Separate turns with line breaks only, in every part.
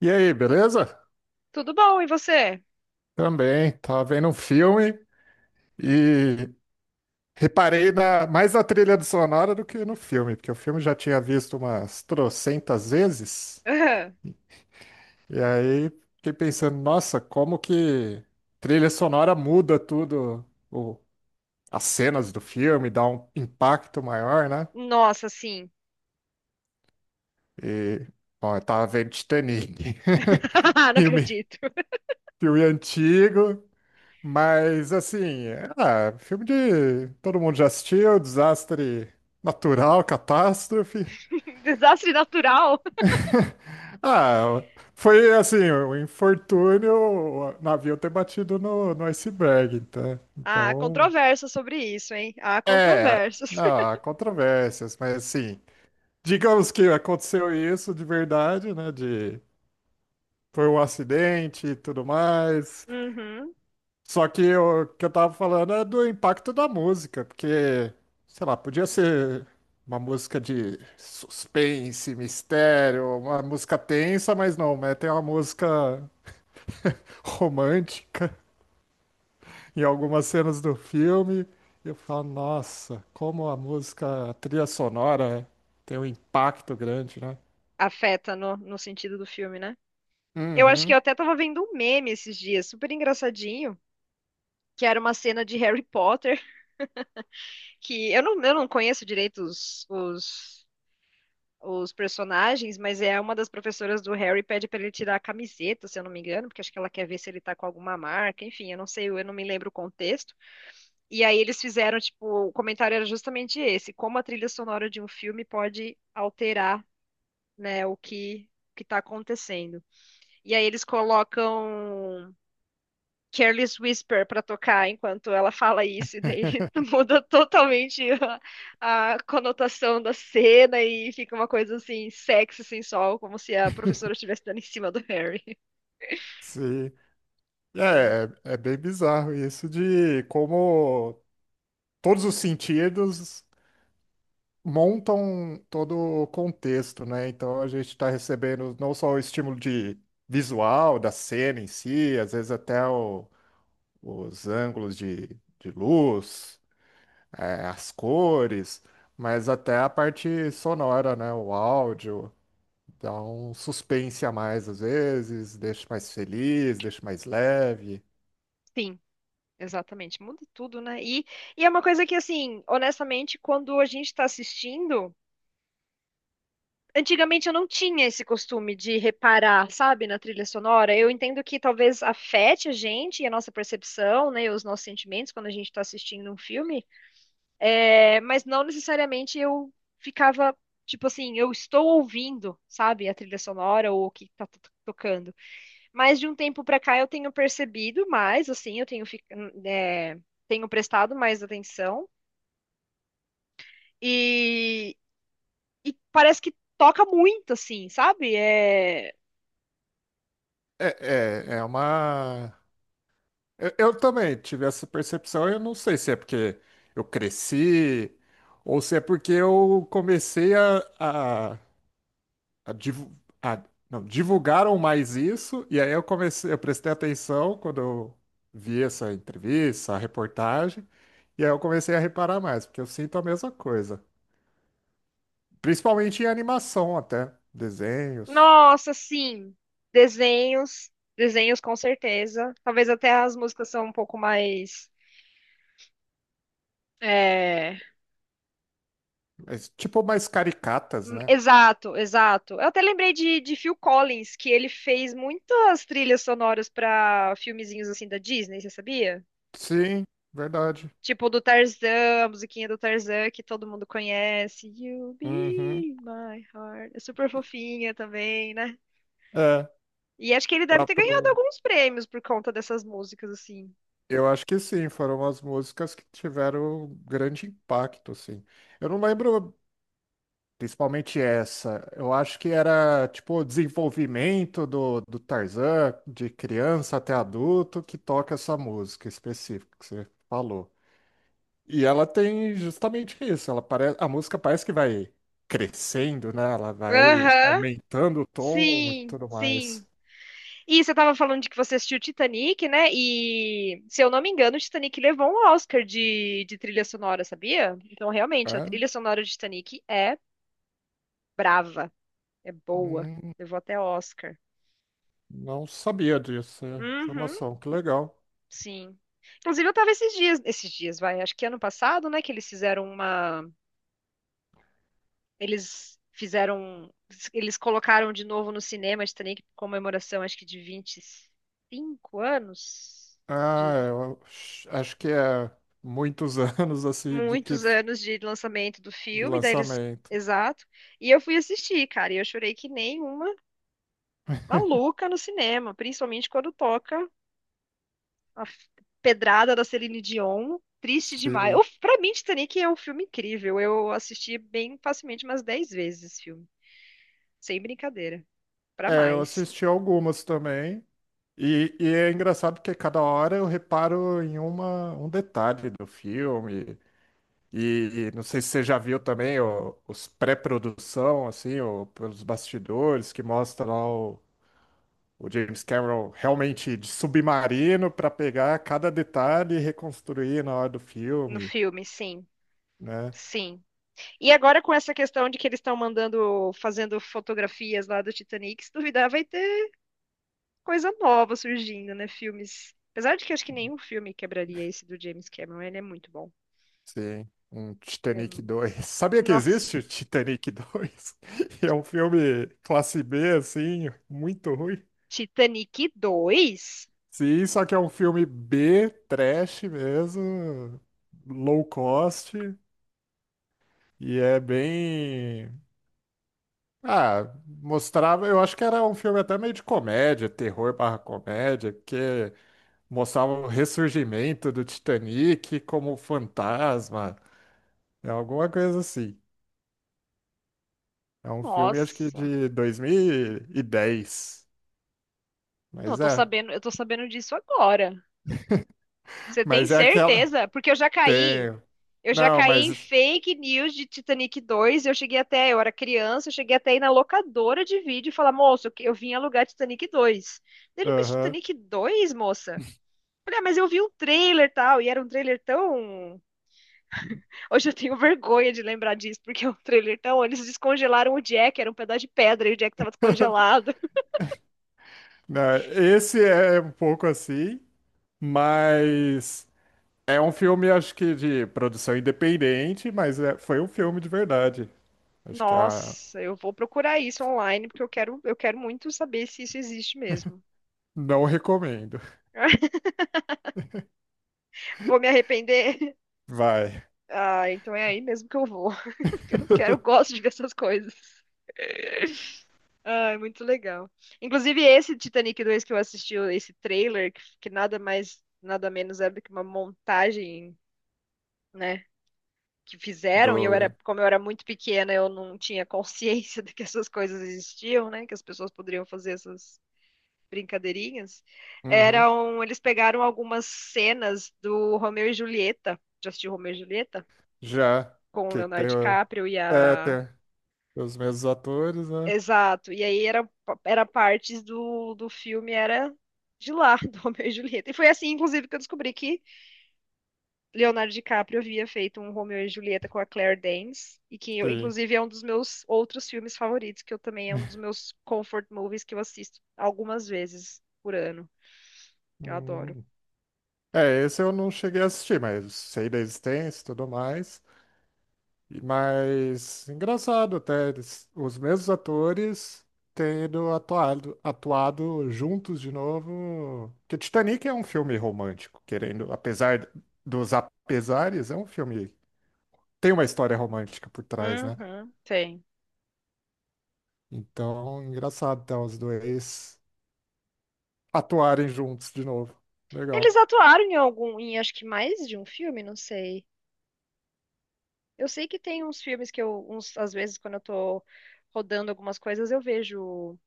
E aí, beleza?
Tudo bom, e você?
Também, tava vendo um filme e reparei mais na trilha do sonora do que no filme, porque o filme eu já tinha visto umas trocentas vezes,
Aham.
e aí fiquei pensando, nossa, como que trilha sonora muda tudo, o- as cenas do filme, dá um impacto maior, né?
Nossa, sim.
E, bom, eu tava vendo Titanic,
Não
filme,
acredito.
filme antigo. Mas assim, ah, filme de todo mundo já assistiu, desastre natural, catástrofe.
Desastre natural?
Ah, foi assim, um infortúnio, o navio ter batido no iceberg, tá?
Há
Então,
controvérsias sobre isso, hein? Há
é,
controvérsias.
não, há controvérsias, mas assim, digamos que aconteceu isso de verdade, né? De Foi um acidente e tudo mais.
Uhum.
Só que o que eu tava falando é do impacto da música, porque, sei lá, podia ser uma música de suspense, mistério, uma música tensa, mas não, né? Tem uma música romântica em algumas cenas do filme. E eu falo, nossa, como a música, a trilha sonora tem um impacto grande, né?
Afeta no sentido do filme, né? Eu acho que eu
Uhum,
até tava vendo um meme esses dias, super engraçadinho, que era uma cena de Harry Potter, que eu não conheço direito os personagens, mas é uma das professoras do Harry pede pra ele tirar a camiseta, se eu não me engano, porque acho que ela quer ver se ele tá com alguma marca, enfim, eu não sei, eu não me lembro o contexto. E aí eles fizeram, tipo, o comentário era justamente esse, como a trilha sonora de um filme pode alterar, né, o que que tá acontecendo. E aí eles colocam Careless Whisper pra tocar enquanto ela fala isso, e daí muda totalmente a conotação da cena e fica uma coisa assim, sexy, sensual, como se a professora estivesse dando em cima do Harry,
sim.
né?
É, é bem bizarro isso de como todos os sentidos montam todo o contexto, né? Então a gente está recebendo não só o estímulo de visual da cena em si, às vezes até o- os ângulos de luz, eh, as cores, mas até a parte sonora, né? O áudio dá um suspense a mais às vezes, deixa mais feliz, deixa mais leve.
Sim, exatamente, muda tudo, né? E é uma coisa que, assim, honestamente, quando a gente tá assistindo. Antigamente eu não tinha esse costume de reparar, sabe, na trilha sonora. Eu entendo que talvez afete a gente e a nossa percepção, né, e os nossos sentimentos quando a gente está assistindo um filme, é, mas não necessariamente eu ficava, tipo assim, eu estou ouvindo, sabe, a trilha sonora ou o que está tocando. Mas de um tempo para cá eu tenho percebido mais, assim, eu tenho, é, tenho prestado mais atenção e, e parece que toca muito, assim, sabe? É.
É, é, é uma eu também tive essa percepção. Eu não sei se é porque eu cresci ou se é porque eu comecei a, divu- a- não, divulgaram mais isso e aí eu comecei, eu prestei atenção quando eu vi essa entrevista, a reportagem, e aí eu comecei a reparar mais, porque eu sinto a mesma coisa. Principalmente em animação até, desenhos,
Nossa, sim. Desenhos, desenhos com certeza. Talvez até as músicas são um pouco mais. É.
mas, tipo mais caricatas, né?
Exato, exato. Eu até lembrei de Phil Collins, que ele fez muitas trilhas sonoras para filmezinhos assim da Disney, você sabia?
Sim, verdade.
Tipo do Tarzan, a musiquinha do Tarzan que todo mundo conhece. You
Uhum.
be my heart. É super fofinha também, né?
É,
E acho que ele deve ter ganhado
próprio.
alguns prêmios por conta dessas músicas, assim.
Eu acho que sim, foram as músicas que tiveram grande impacto, assim. Eu não lembro principalmente essa. Eu acho que era tipo o desenvolvimento do Tarzan, de criança até adulto, que toca essa música específica que você falou. E ela tem justamente isso, ela parece, a música parece que vai crescendo, né? Ela vai
Aham.
aumentando o tom e
Sim,
tudo
sim.
mais.
E você estava falando de que você assistiu Titanic, né? E, se eu não me engano, o Titanic levou um Oscar de trilha sonora, sabia? Então, realmente, a
É?
trilha sonora de Titanic é brava, é boa.
Hum,
Levou até Oscar.
não sabia disso, é
Uhum,
informação, que legal.
sim. Inclusive, eu estava esses dias, vai, acho que ano passado, né, que eles fizeram uma, eles fizeram, eles colocaram de novo no cinema Titanic, comemoração, acho que de 25 anos,
Ah, eu acho que é muitos anos assim
muitos anos de lançamento do
de
filme, daí eles.
lançamento.
Exato. E eu fui assistir, cara, e eu chorei que nem uma maluca no cinema, principalmente quando toca a f- pedrada da Celine Dion. Triste demais.
Sim.
Eu, pra mim, Titanic é um filme incrível. Eu assisti bem facilmente umas 10 vezes esse filme. Sem brincadeira. Pra
É, eu
mais.
assisti algumas também. E é engraçado porque cada hora eu reparo em uma, um detalhe do filme. E não sei se você já viu também os pré-produção, assim, pelos bastidores, que mostra lá o James Cameron realmente de submarino para pegar cada detalhe e reconstruir na hora do
No
filme,
filme, sim.
né?
Sim. E agora com essa questão de que eles estão mandando, fazendo fotografias lá do Titanic, se duvidar, vai ter coisa nova surgindo, né? Filmes. Apesar de que acho que nenhum filme quebraria esse do James Cameron, ele é muito bom.
Sim, um
É-
Titanic 2. Sabia que existe
Nossa.
o Titanic 2? É um filme classe B, assim, muito ruim.
Titanic 2?
Sim, só que é um filme B, trash mesmo, low cost, e é bem. Ah, mostrava. Eu acho que era um filme até meio de comédia, terror barra comédia, porque mostrava o ressurgimento do Titanic como fantasma, é alguma coisa assim. É um filme, acho que
Nossa.
de 2010.
Não, eu
Mas
tô
é.
sabendo, eu tô sabendo disso agora. Você tem
Mas é aquela.
certeza? Porque eu já caí.
Tenho.
Eu já
Não,
caí em
mas.
fake news de Titanic 2. Eu cheguei até, eu era criança, eu cheguei até aí na locadora de vídeo e falar, moço, eu vim alugar Titanic 2. Ele, mas
Aham.
Titanic 2, moça? Olha, mas eu vi um trailer e tal, e era um trailer tão. Hoje eu tenho vergonha de lembrar disso, porque é um trailer tão. Eles descongelaram o Jack, era um pedaço de pedra e o Jack tava descongelado.
Não, esse é um pouco assim, mas. É um filme, acho que de produção independente, mas foi um filme de verdade. Acho que
Nossa, eu vou procurar isso online, porque eu quero muito saber se isso existe mesmo.
não recomendo.
Vou me arrepender.
Vai.
Ah, então é aí mesmo que eu vou. Eu quero, gosto de ver essas coisas. Ah, é muito legal. Inclusive, esse Titanic 2 que eu assisti, esse trailer, que nada mais, nada menos é do que uma montagem, né? Que fizeram, e eu era,
Do.
como eu era muito pequena, eu não tinha consciência de que essas coisas existiam, né? Que as pessoas poderiam fazer essas brincadeirinhas.
Uhum.
Eram, eles pegaram algumas cenas do Romeu e Julieta, já assistiu Romeu e Julieta?
Já.
Com o
Que
Leonardo
tem.
DiCaprio e
É,
a.
tem os mesmos atores, né?
Exato. E aí era, era partes do filme, era de lá, do Romeu e Julieta. E foi assim, inclusive, que eu descobri que Leonardo DiCaprio havia feito um Romeo e Julieta com a Claire Danes, e que eu,
Sim.
inclusive é um dos meus outros filmes favoritos, que eu também é um dos meus comfort movies que eu assisto algumas vezes por ano. Eu adoro.
Hum. É, esse eu não cheguei a assistir, mas sei da existência e tudo mais. Mas engraçado até, os mesmos atores tendo atuado juntos de novo. Porque Titanic é um filme romântico, querendo, apesar dos apesares, é um filme. Tem uma história romântica por trás, né?
Uhum, tem.
Então, engraçado até os dois atuarem juntos de novo.
Eles
Legal.
atuaram em algum, em acho que mais de um filme, não sei. Eu sei que tem uns filmes que eu, uns, às vezes, quando eu tô rodando algumas coisas, eu vejo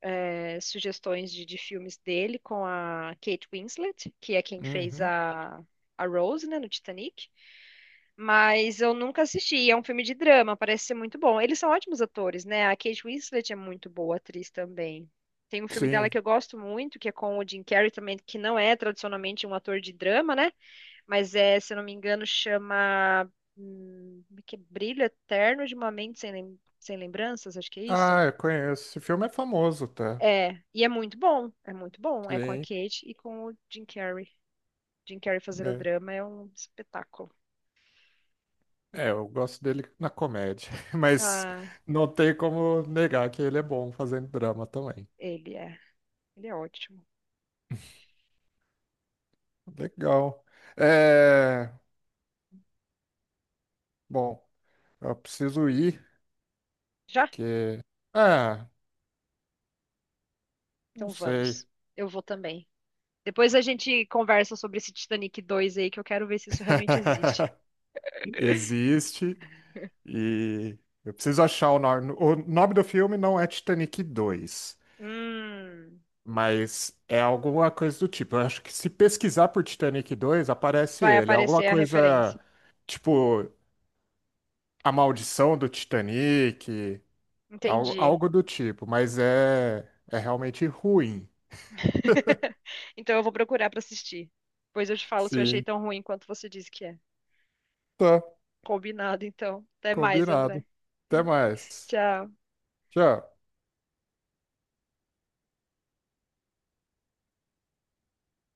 é, sugestões de filmes dele com a Kate Winslet, que é quem fez
Uhum.
a Rose, né, no Titanic. Mas eu nunca assisti. É um filme de drama, parece ser muito bom. Eles são ótimos atores, né? A Kate Winslet é muito boa atriz também. Tem um filme dela que
Sim.
eu gosto muito, que é com o Jim Carrey também, que não é tradicionalmente um ator de drama, né? Mas é, se eu não me engano, chama como é que é, Brilho Eterno de uma Mente Sem Sem Lembranças, acho que é isso.
Ah, eu conheço. Esse filme é famoso, tá?
É, e é muito bom, é muito bom. É com a
Sim.
Kate e com o Jim Carrey. Jim Carrey fazendo
É,
drama é um espetáculo.
eu gosto dele na comédia, mas
Ah,
não tem como negar que ele é bom fazendo drama também.
ele é, ele é ótimo.
Legal. É, bom, eu preciso ir,
Já?
porque. Ah, não
Então
sei.
vamos. Eu vou também. Depois a gente conversa sobre esse Titanic 2 aí, que eu quero ver se isso realmente existe.
Existe e eu preciso achar o nome. O nome do filme não é Titanic 2,
Hum,
mas é alguma coisa do tipo. Eu acho que se pesquisar por Titanic 2 aparece
vai
ele. É alguma
aparecer a
coisa
referência.
tipo A Maldição do Titanic, algo,
Entendi.
algo do tipo, mas é realmente ruim.
Então eu vou procurar pra assistir. Depois eu te falo se eu achei
Sim,
tão ruim quanto você disse que é.
tá,
Combinado, então. Até mais, André.
combinado. Até mais.
Tchau.
Tchau.